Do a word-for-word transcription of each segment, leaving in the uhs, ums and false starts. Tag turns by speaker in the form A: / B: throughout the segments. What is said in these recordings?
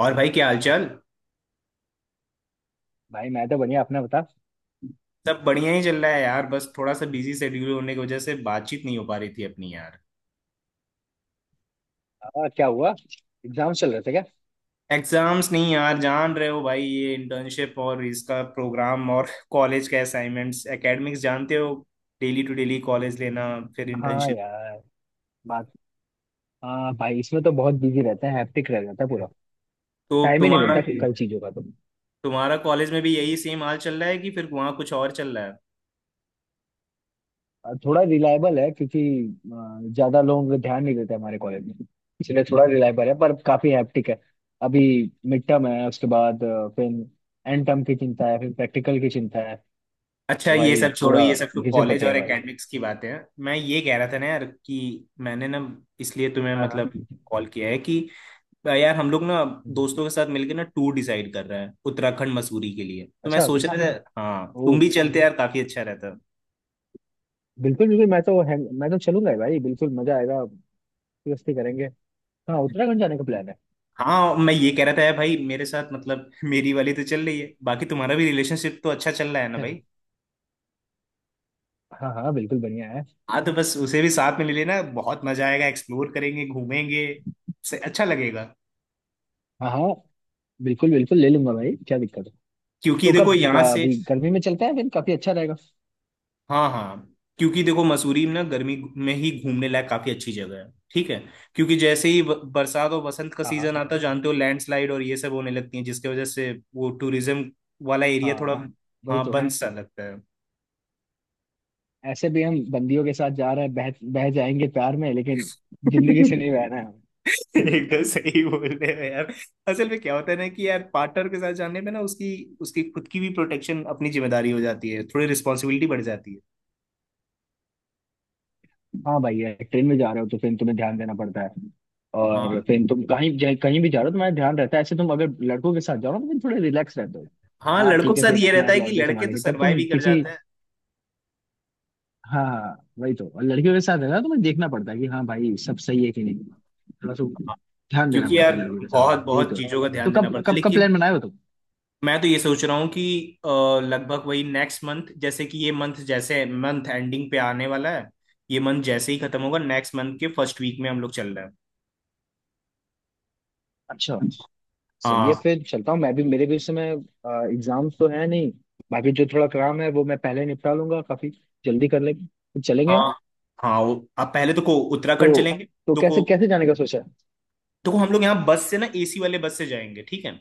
A: और भाई क्या हालचाल।
B: भाई मैं तो बढ़िया अपना बता।
A: सब बढ़िया ही चल रहा है यार, बस थोड़ा सा बिजी शेड्यूल होने की वजह से बातचीत नहीं हो पा रही थी अपनी यार।
B: आ, क्या हुआ? एग्जाम चल रहे थे क्या?
A: एग्जाम्स नहीं यार, जान रहे हो भाई, ये इंटर्नशिप और इसका प्रोग्राम और कॉलेज के असाइनमेंट्स, एकेडमिक्स जानते हो। डेली टू डेली कॉलेज लेना, फिर
B: हाँ
A: इंटर्नशिप।
B: यार, बात। हाँ भाई, इसमें तो बहुत बिजी रहते हैं, हैप्टिक रह जाता है पूरा,
A: तो
B: टाइम ही नहीं
A: तुम्हारा
B: मिलता कि- कई चीजों का तो।
A: तुम्हारा कॉलेज में भी यही सेम हाल चल रहा है कि फिर वहाँ कुछ और चल रहा है।
B: और थोड़ा रिलायबल है क्योंकि अ, ज्यादा लोग ध्यान नहीं देते हमारे कॉलेज में। इसलिए थोड़ा रिलायबल है पर काफी हैप्टिक है। अभी मिड टर्म है, उसके बाद अ, फिर एंड टर्म की चिंता है, फिर प्रैक्टिकल की चिंता है।
A: अच्छा,
B: तो
A: ये
B: भाई
A: सब छोड़ो,
B: पूरा
A: ये सब तो
B: घिसे
A: कॉलेज
B: पटे है
A: और
B: भाई।
A: एकेडमिक्स की बातें हैं। मैं ये कह रहा था ना यार कि मैंने ना, इसलिए तुम्हें
B: हाँ
A: मतलब
B: हाँ।
A: कॉल किया है कि यार हम लोग ना
B: हम्म।
A: दोस्तों के साथ मिलकर ना टूर डिसाइड कर रहे हैं उत्तराखंड मसूरी के लिए, तो मैं
B: अच्छा।
A: सोच रहा था हाँ
B: वो
A: तुम भी चलते यार, काफी अच्छा रहता।
B: बिल्कुल बिल्कुल, मैं तो है, मैं तो चलूंगा ही भाई, बिल्कुल मजा आएगा। मस्ती करेंगे। हाँ, उत्तराखंड जाने का प्लान है।
A: हाँ, मैं ये कह रहा था यार भाई, मेरे साथ मतलब मेरी वाली तो चल रही है, बाकी तुम्हारा भी रिलेशनशिप तो अच्छा चल रहा है ना
B: जैसे,
A: भाई।
B: हाँ हाँ बिल्कुल बढ़िया है।
A: हाँ तो बस उसे भी साथ में ले लेना, बहुत मजा आएगा, एक्सप्लोर करेंगे, घूमेंगे से अच्छा लगेगा।
B: हाँ हाँ बिल्कुल बिल्कुल ले लूंगा भाई, क्या दिक्कत है।
A: क्योंकि
B: तो
A: देखो
B: कब
A: यहाँ
B: का-
A: से।
B: अभी गर्मी में चलते हैं, फिर काफी अच्छा रहेगा।
A: हाँ हाँ। क्योंकि देखो मसूरी ना गर्मी में ही घूमने लायक काफी अच्छी जगह है, ठीक है। क्योंकि जैसे ही ब- बरसात और बसंत का
B: हाँ हाँ।
A: सीजन आता है, जानते हो लैंडस्लाइड और ये सब होने लगती है, जिसकी वजह से वो टूरिज्म वाला एरिया
B: हाँ,
A: थोड़ा
B: वही
A: हाँ
B: तो।
A: बंद सा लगता है।
B: ऐसे भी हम बंदियों के साथ जा रहे हैं, बह बह जाएंगे प्यार में, लेकिन जिंदगी से नहीं बहना है हमें।
A: एकदम सही बोल रहे हो यार। असल में क्या होता है ना कि यार पार्टनर के साथ जाने में ना उसकी उसकी खुद की भी प्रोटेक्शन, अपनी जिम्मेदारी हो जाती है, थोड़ी रिस्पॉन्सिबिलिटी बढ़ जाती है।
B: हाँ भाई है, ट्रेन में जा रहे हो तो फिर तुम्हें ध्यान देना पड़ता है। और
A: हाँ
B: फिर तुम कहीं जा- कहीं भी जा रहे हो तुम्हारा ध्यान रहता है, ऐसे तुम अगर लड़कों के साथ जाओ ना तो फिर थोड़े रिलैक्स रहते हो।
A: हाँ,
B: हाँ
A: लड़कों
B: ठीक
A: के
B: है,
A: साथ
B: फिर
A: ये
B: अपना
A: रहता है कि
B: लौंडे
A: लड़के तो
B: संभालेंगे तब
A: सरवाइव
B: तुम
A: ही कर
B: किसी।
A: जाते हैं।
B: हाँ वही तो, और लड़कियों के साथ है ना तो मैं देखना पड़ता है कि हाँ भाई सब सही है कि नहीं। थोड़ा सा ध्यान देना
A: क्योंकि
B: पड़ता
A: यार
B: है लड़कियों के साथ,
A: बहुत
B: यही
A: बहुत
B: तो है।
A: चीजों का
B: तो
A: ध्यान देना
B: कब
A: पड़ता है
B: कब का
A: लेकिन
B: प्लान बनाए हो तुम?
A: मैं तो ये सोच रहा हूँ कि अ, लगभग वही नेक्स्ट मंथ, जैसे कि ये मंथ, जैसे मंथ एंडिंग पे आने वाला है, ये मंथ जैसे ही खत्म होगा नेक्स्ट मंथ के फर्स्ट वीक में हम लोग चल रहे
B: अच्छा,
A: हैं।
B: सही है,
A: हाँ
B: फिर चलता हूँ मैं भी, मेरे भी इस समय एग्जाम्स तो है नहीं। बाकी जो थोड़ा काम है वो मैं पहले निपटा लूंगा, काफी जल्दी कर लेंगे तो चलेंगे हम।
A: हाँ। हाँ वो आप पहले तो को उत्तराखंड
B: तो
A: चलेंगे।
B: तो
A: तो को
B: कैसे कैसे जाने का सोचा है?
A: तो को हम लोग यहाँ बस से ना ए सी वाले बस से जाएंगे, ठीक है।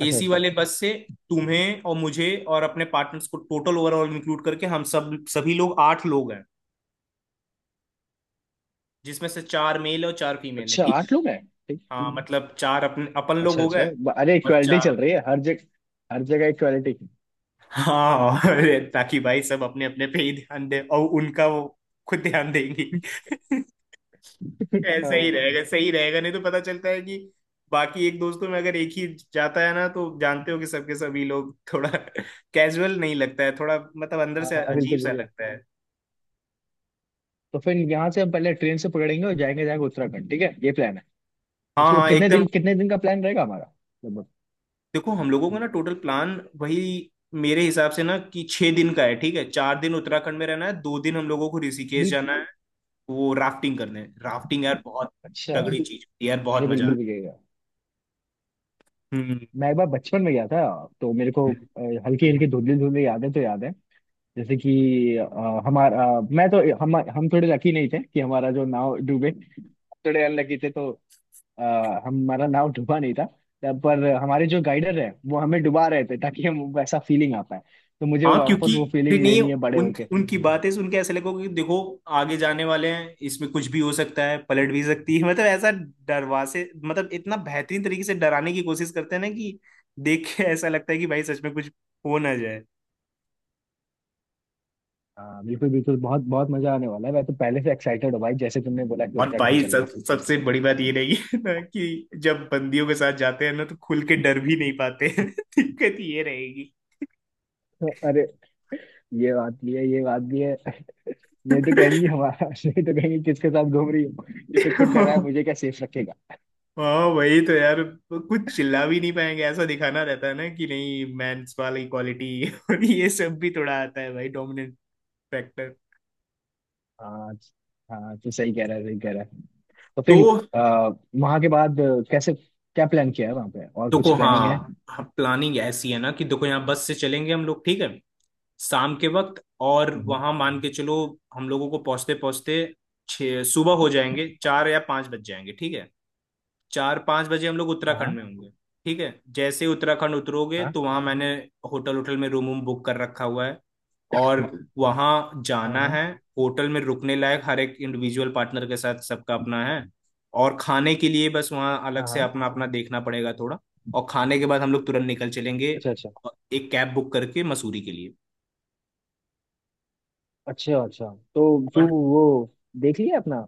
B: अच्छा
A: एसी
B: अच्छा।
A: वाले बस से। तुम्हें और मुझे और अपने पार्टनर्स को टोटल, ओवरऑल इंक्लूड करके हम सब सभी लोग आठ लोग हैं, जिसमें से चार मेल और चार फीमेल है,
B: अच्छा,
A: ठीक।
B: आठ लोग हैं। ठीक।
A: हाँ मतलब चार अपन अपन लोग
B: अच्छा
A: हो
B: अच्छा,
A: गए
B: ब- अरे
A: और
B: इक्वालिटी चल
A: चार।
B: रही है हर जगह। हर जगह इक्वालिटी।
A: हाँ अरे, ताकि भाई सब अपने अपने पे ही ध्यान दे और उनका वो खुद ध्यान देंगी। ऐसा ही
B: हाँ
A: रहेगा, सही रहेगा, नहीं तो पता चलता है कि बाकी एक दोस्तों में अगर एक ही जाता है ना तो जानते हो कि सबके सभी लोग थोड़ा कैजुअल नहीं लगता है, थोड़ा मतलब अंदर
B: हाँ
A: से
B: हाँ,
A: अजीब
B: बिल्कुल।
A: सा लगता है।
B: तो फिर यहाँ से हम पहले ट्रेन से पकड़ेंगे और जाएंगे जाएंगे उत्तराखंड, ठीक है, ये प्लान है।
A: हाँ
B: उसके बाद
A: हाँ
B: कितने दिन
A: एकदम।
B: कितने दिन का प्लान रहेगा हमारा, लगभग?
A: देखो, हम लोगों का ना टोटल प्लान वही मेरे हिसाब से ना कि छह दिन का है, ठीक है। चार दिन उत्तराखंड में रहना है, दो दिन हम लोगों को ऋषिकेश जाना
B: बिल्कुल।
A: है, वो राफ्टिंग करने। राफ्टिंग यार बहुत
B: अच्छा,
A: तगड़ी चीज होती है यार, बहुत
B: अरे
A: मजा
B: बिल्कुल
A: आता।
B: भी गएगा।
A: हम्म।
B: मैं एक बार बचपन में गया था, तो मेरे को हल्की
A: है।
B: हल्की धुंधली धुंधली यादें तो याद है। जैसे कि अ, हमारा, अ, मैं तो हम हम थोड़े लकी नहीं थे कि हमारा जो नाव डूबे, थोड़े अनलकी थे तो, अ, हमारा नाव डूबा नहीं था, तब पर हमारे जो गाइडर है वो हमें डुबा रहे थे ताकि हम वैसा फीलिंग आ पाए। तो मुझे
A: हाँ क्योंकि,
B: वापस वो
A: अरे
B: फीलिंग
A: नहीं,
B: लेनी है बड़े होके।
A: उनकी उनकी बातें सुन के ऐसा लगेगा कि देखो आगे जाने वाले हैं, इसमें कुछ भी हो सकता है, पलट भी सकती है मतलब ऐसा डरवा से, मतलब इतना बेहतरीन तरीके से डराने की कोशिश करते हैं ना कि देख के ऐसा लगता है कि भाई सच में कुछ हो ना जाए।
B: हाँ बिल्कुल बिल्कुल, बहुत बहुत मजा आने वाला है, मैं तो पहले से एक्साइटेड हूँ भाई, जैसे तुमने बोला कि
A: और
B: उत्तराखंड
A: भाई
B: चलना
A: सब,
B: है।
A: सबसे बड़ी बात ये रही है ना कि जब बंदियों के साथ जाते हैं ना तो खुल के डर भी नहीं पाते हैं। दिक्कत ये रहेगी।
B: तो अरे ये बात भी है ये बात भी है। नहीं तो कहेंगी हमारा। नहीं तो कहेंगी किसके साथ घूम रही हो, ये तो खुद डरा है मुझे क्या सेफ रखेगा।
A: हाँ वही तो यार, कुछ चिल्ला भी नहीं पाएंगे, ऐसा दिखाना रहता है ना कि नहीं, मेंस वाली क्वालिटी और ये सब भी थोड़ा आता है भाई, डोमिनेंट फैक्टर।
B: हाँ हाँ, तो सही कह रहा है सही कह रहा है। तो
A: तो
B: फिर आ, वहां के बाद अ, कैसे, क्या प्लान किया है वहां पे और कुछ
A: देखो,
B: प्लानिंग है?
A: हाँ, प्लानिंग ऐसी है ना कि देखो यहाँ बस से चलेंगे हम लोग, ठीक है। शाम के वक्त, और
B: हम्म।
A: वहां मान के चलो हम लोगों को पहुंचते पहुंचते छः सुबह हो जाएंगे, चार या पांच बज जाएंगे, ठीक है। चार पाँच बजे हम लोग
B: हाँ
A: उत्तराखंड
B: हाँ
A: में होंगे। ठीक है, जैसे ही उत्तराखंड उतरोगे
B: हाँ
A: तो वहाँ मैंने होटल, होटल में रूम वूम बुक कर रखा हुआ है, और वहाँ
B: हाँ
A: जाना
B: हाँ
A: है। होटल में रुकने लायक हर एक इंडिविजुअल पार्टनर के साथ सबका अपना है, और खाने के लिए बस वहाँ अलग
B: हाँ
A: से
B: हाँ।
A: अपना अपना देखना पड़ेगा थोड़ा। और खाने के बाद हम लोग तुरंत निकल चलेंगे,
B: अच्छा अच्छा
A: एक कैब बुक करके मसूरी के लिए।
B: अच्छा अच्छा। तो तू
A: बट
B: वो देख लिया अपना,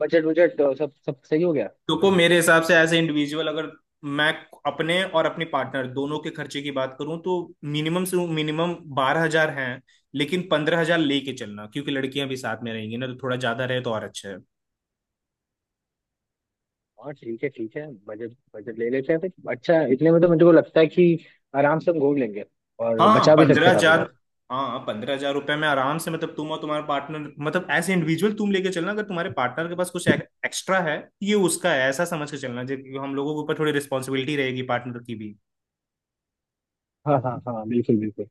B: बजट बजट सब सब सही हो गया?
A: देखो, मेरे हिसाब से एज ए इंडिविजुअल, अगर मैं अपने और अपनी पार्टनर दोनों के खर्चे की बात करूं तो मिनिमम से मिनिमम बारह हजार है, लेकिन पंद्रह हजार लेके चलना, क्योंकि लड़कियां भी साथ में रहेंगी ना, तो थोड़ा ज्यादा रहे तो और अच्छा है।
B: हाँ ठीक है ठीक है, बजट बजट ले लेते हैं फिर, अच्छा, इतने में तो मुझे को लगता है कि आराम से हम घूम लेंगे और
A: हाँ हाँ
B: बचा भी सकते
A: पंद्रह
B: हैं काफी
A: हजार।
B: पैसे।
A: हाँ पंद्रह हजार रुपये में आराम से, मतलब तुम और तुम्हारे पार्टनर, मतलब एज ए इंडिविजुअल तुम लेके चलना, अगर तुम्हारे पार्टनर के पास कुछ एक्स्ट्रा है, ये उसका है, ऐसा समझ के चलना, जो हम लोगों के ऊपर थोड़ी रिस्पॉन्सिबिलिटी रहेगी पार्टनर की भी।
B: हाँ हाँ हाँ बिल्कुल बिल्कुल।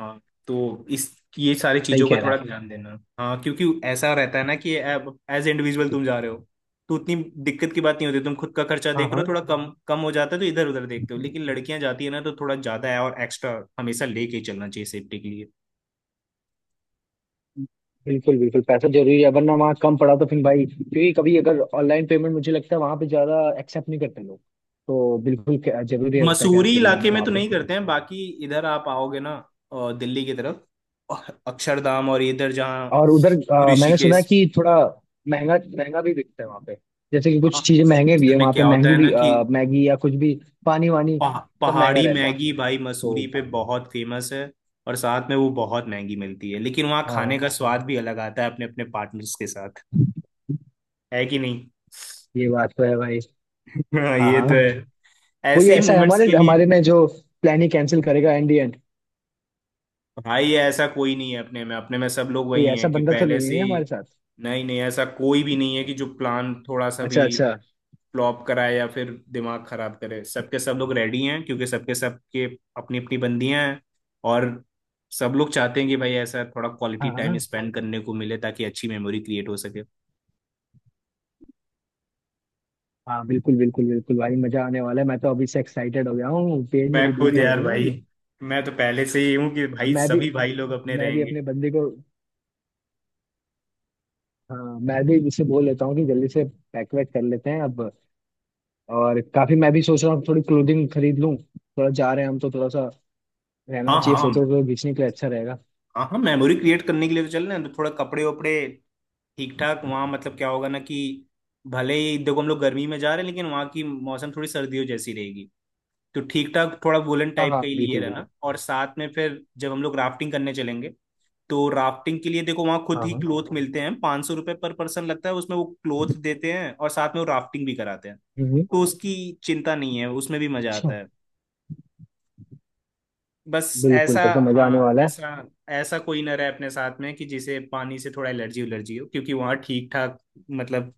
A: हाँ तो इस, ये सारी
B: सही
A: चीजों का
B: कह रहा
A: थोड़ा
B: है।
A: ध्यान देना, हाँ क्योंकि ऐसा रहता है ना कि एज इंडिविजुअल तुम जा रहे हो तो उतनी दिक्कत की बात नहीं होती, तुम खुद का खर्चा
B: हाँ
A: देख रहे हो,
B: हाँ
A: थोड़ा कम कम हो जाता है तो इधर उधर देखते हो, लेकिन लड़कियां जाती है ना तो थोड़ा ज्यादा है और एक्स्ट्रा हमेशा लेके ही चलना चाहिए, सेफ्टी के लिए।
B: बिल्कुल बिल्कुल, पैसा जरूरी है, वरना वहाँ कम पड़ा तो फिर भाई, क्योंकि कभी अगर ऑनलाइन पेमेंट, मुझे लगता है वहाँ पे ज्यादा एक्सेप्ट नहीं करते लोग। तो बिल्कुल कै- जरूरी रहता है
A: मसूरी
B: कैश लेके जाना
A: इलाके में
B: वहाँ
A: तो
B: पे।
A: नहीं करते हैं, बाकी इधर आप आओगे ना अ, दिल्ली की तरफ, अ- अक्षरधाम और इधर जहाँ
B: और उधर अ, मैंने सुना है
A: ऋषिकेश।
B: कि थोड़ा महंगा महंगा भी बिकता है वहां पे, जैसे कि
A: हाँ,
B: कुछ चीजें महंगे भी
A: असल
B: है
A: में
B: वहां पे
A: क्या होता
B: महंगी
A: है ना
B: भी,
A: कि
B: अ, मैगी या कुछ भी, पानी वानी
A: पहा-
B: सब महंगा
A: पहाड़ी
B: रहता है।
A: मैगी भाई
B: तो
A: मसूरी पे बहुत फेमस है, और साथ में वो बहुत महंगी मिलती है, लेकिन वहाँ खाने
B: हाँ,
A: का स्वाद भी अलग आता है अपने अपने पार्टनर्स के साथ, है कि नहीं।
B: ये बात तो है भाई।
A: हाँ,
B: हाँ
A: ये तो
B: हाँ।
A: है।
B: कोई
A: ऐसे ही
B: ऐसा है
A: मोमेंट्स
B: हमारे
A: के लिए।
B: हमारे में जो प्लान ही कैंसिल करेगा, एंड एंड?
A: भाई ऐसा कोई नहीं है अपने में, अपने में सब लोग
B: कोई
A: वही
B: ऐसा
A: हैं कि
B: बंदा तो
A: पहले से
B: नहीं है
A: ही।
B: हमारे साथ?
A: नहीं नहीं, ऐसा कोई भी नहीं है कि जो प्लान थोड़ा सा भी
B: अच्छा अच्छा।
A: फ्लॉप कराए या फिर दिमाग खराब करे, सबके सब लोग रेडी हैं क्योंकि सबके सबके अपनी अपनी बंदियां हैं, और सब लोग चाहते हैं कि भाई ऐसा थोड़ा
B: हाँ
A: क्वालिटी
B: हाँ
A: टाइम स्पेंड करने को मिले, ताकि अच्छी मेमोरी क्रिएट हो सके।
B: हाँ बिल्कुल बिल्कुल बिल्कुल भाई, मजा आने वाला है, मैं तो अभी से एक्साइटेड हो गया हूँ, पेट
A: मैं
B: में
A: खुद
B: गुदगुदी हो
A: यार
B: रही है
A: भाई,
B: मेरी।
A: मैं तो पहले से ही हूँ कि
B: अब
A: भाई
B: मैं भी,
A: सभी भाई लोग अपने
B: मैं भी
A: रहेंगे।
B: अपने बंदे को, हाँ मैं भी इसे बोल लेता हूँ कि जल्दी से पैक वैक कर लेते हैं अब। और काफी मैं भी सोच रहा हूँ थोड़ी क्लोथिंग खरीद लूँ, थोड़ा जा रहे हैं हम तो थोड़ा सा रहना
A: हाँ
B: चाहिए,
A: हाँ।
B: फोटो वोटो खींचने के लिए अच्छा रहेगा।
A: हाँ हाँ, मेमोरी क्रिएट करने के लिए तो चल रहे हैं, तो थोड़ा कपड़े वपड़े ठीक ठाक वहाँ, मतलब क्या होगा ना कि भले ही देखो हम लोग गर्मी में जा रहे हैं, लेकिन वहाँ की मौसम थोड़ी सर्दियों जैसी रहेगी, तो ठीक ठाक थोड़ा वुलन
B: हाँ
A: टाइप
B: हाँ
A: का ही लिए
B: बिल्कुल
A: रहना,
B: बिल्कुल।
A: और साथ में फिर जब हम लोग राफ्टिंग करने चलेंगे तो राफ्टिंग के लिए देखो वहाँ खुद
B: हाँ
A: ही
B: हाँ।
A: क्लोथ मिलते हैं, पाँच सौ रुपये पर पर्सन लगता है, उसमें वो क्लोथ देते हैं और साथ में वो राफ्टिंग भी कराते हैं,
B: हम्म।
A: तो उसकी चिंता नहीं है, उसमें भी मजा
B: अच्छा,
A: आता है। बस
B: बिल्कुल
A: ऐसा,
B: तब तो मजा आने
A: हाँ
B: वाला है।
A: ऐसा ऐसा कोई ना रहे अपने साथ में कि जिसे पानी से थोड़ा एलर्जी उलर्जी हो, क्योंकि वहाँ ठीक ठाक मतलब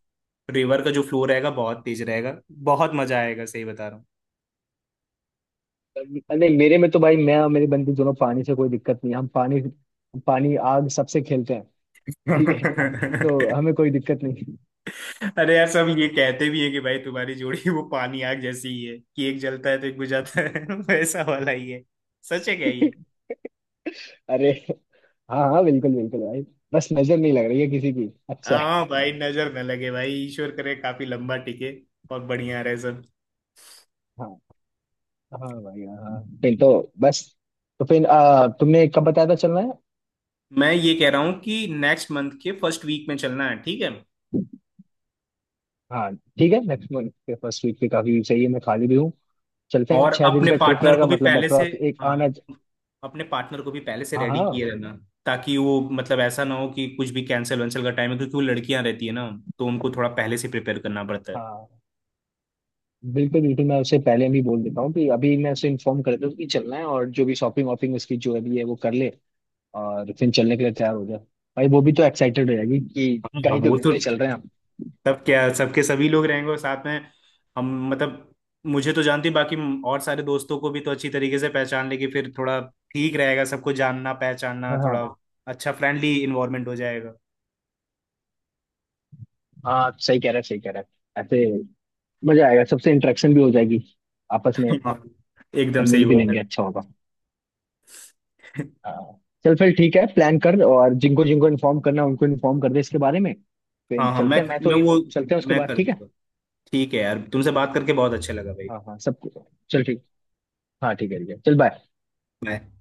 A: रिवर का जो फ्लो रहेगा बहुत तेज रहेगा, बहुत मजा आएगा, सही बता रहा हूँ।
B: तब- नहीं, मेरे में तो भाई, मैं और मेरी बंदी दोनों पानी से कोई दिक्कत नहीं है। हम पानी, पानी आग सबसे खेलते हैं। ठीक है, तो हमें कोई दिक्कत नहीं।
A: अरे यार, सब ये कहते भी है कि भाई तुम्हारी जोड़ी वो पानी आग जैसी ही है कि एक जलता है तो एक बुझाता है वैसा वाला ही है। सच है क्या ये?
B: अरे, हाँ हाँ बिल्कुल बिल्कुल भाई, बस नजर नहीं लग रही है किसी की, अच्छा
A: हाँ भाई, नजर न लगे भाई, ईश्वर करे काफी लंबा टिके और बढ़िया रहे सब।
B: है। हाँ भाई, हाँ, फिर तो बस। तो फिर आ, तुमने कब बताया था चलना है?
A: मैं ये कह रहा हूँ कि नेक्स्ट मंथ के फर्स्ट वीक में चलना है, ठीक है।
B: हाँ ठीक है, नेक्स्ट मंथ के फर्स्ट वीक पे काफी सही है, मैं खाली भी हूँ, चलते हैं।
A: और
B: छह दिन
A: अपने
B: का ट्रिप
A: पार्टनर को
B: रहेगा
A: भी
B: मतलब,
A: पहले से
B: अप्रॉक्स, एक
A: हाँ,
B: आना।
A: अपने पार्टनर को भी पहले से
B: हाँ
A: रेडी
B: हाँ
A: किए रहना, ताकि वो मतलब ऐसा ना हो कि कुछ भी कैंसिल वैंसिल का टाइम है, क्योंकि वो लड़कियां रहती है ना, तो उनको थोड़ा पहले से प्रिपेयर करना पड़ता है।
B: हाँ बिल्कुल बिल्कुल, मैं उसे पहले भी बोल देता हूँ कि अभी मैं उसे इन्फॉर्म कर दूँ कि चलना है, और जो भी शॉपिंग वॉपिंग उसकी जो अभी है वो कर ले और फिर चलने के लिए तैयार हो जाए। भाई वो भी तो एक्साइटेड हो जाएगी कि
A: हाँ हाँ,
B: कहीं तो
A: वो तो
B: घूमने चल रहे हैं हम।
A: सब, क्या सबके सभी लोग रहेंगे, और साथ में हम मतलब मुझे तो जानती, बाकी और सारे दोस्तों को भी तो अच्छी तरीके से पहचान लेके फिर थोड़ा ठीक रहेगा, सबको जानना पहचानना
B: हाँ
A: थोड़ा,
B: हाँ
A: अच्छा फ्रेंडली इन्वायरमेंट हो जाएगा।
B: हाँ, सही कह रहा है सही कह रहा है, ऐसे मजा आएगा, सबसे इंटरेक्शन भी हो जाएगी आपस में।
A: हाँ एकदम
B: सब
A: सही
B: मिल भी
A: बोल रहे
B: लेंगे, अच्छा होगा।
A: हो।
B: हाँ। चल फिर, ठीक है, प्लान कर और जिनको जिनको इन्फॉर्म करना है उनको इन्फॉर्म कर दे इसके बारे में। फिर
A: हाँ हाँ मैं
B: चलते हैं, मैं तो
A: मैं
B: इन
A: वो
B: हूँ, चलते हैं उसके
A: मैं
B: बाद,
A: कर
B: ठीक है।
A: दूंगा। ठीक है यार, तुमसे बात करके बहुत अच्छा लगा भाई।
B: हाँ हाँ सब। चल ठीक। हाँ ठीक है ठीक है, चल, बाय।
A: बाय।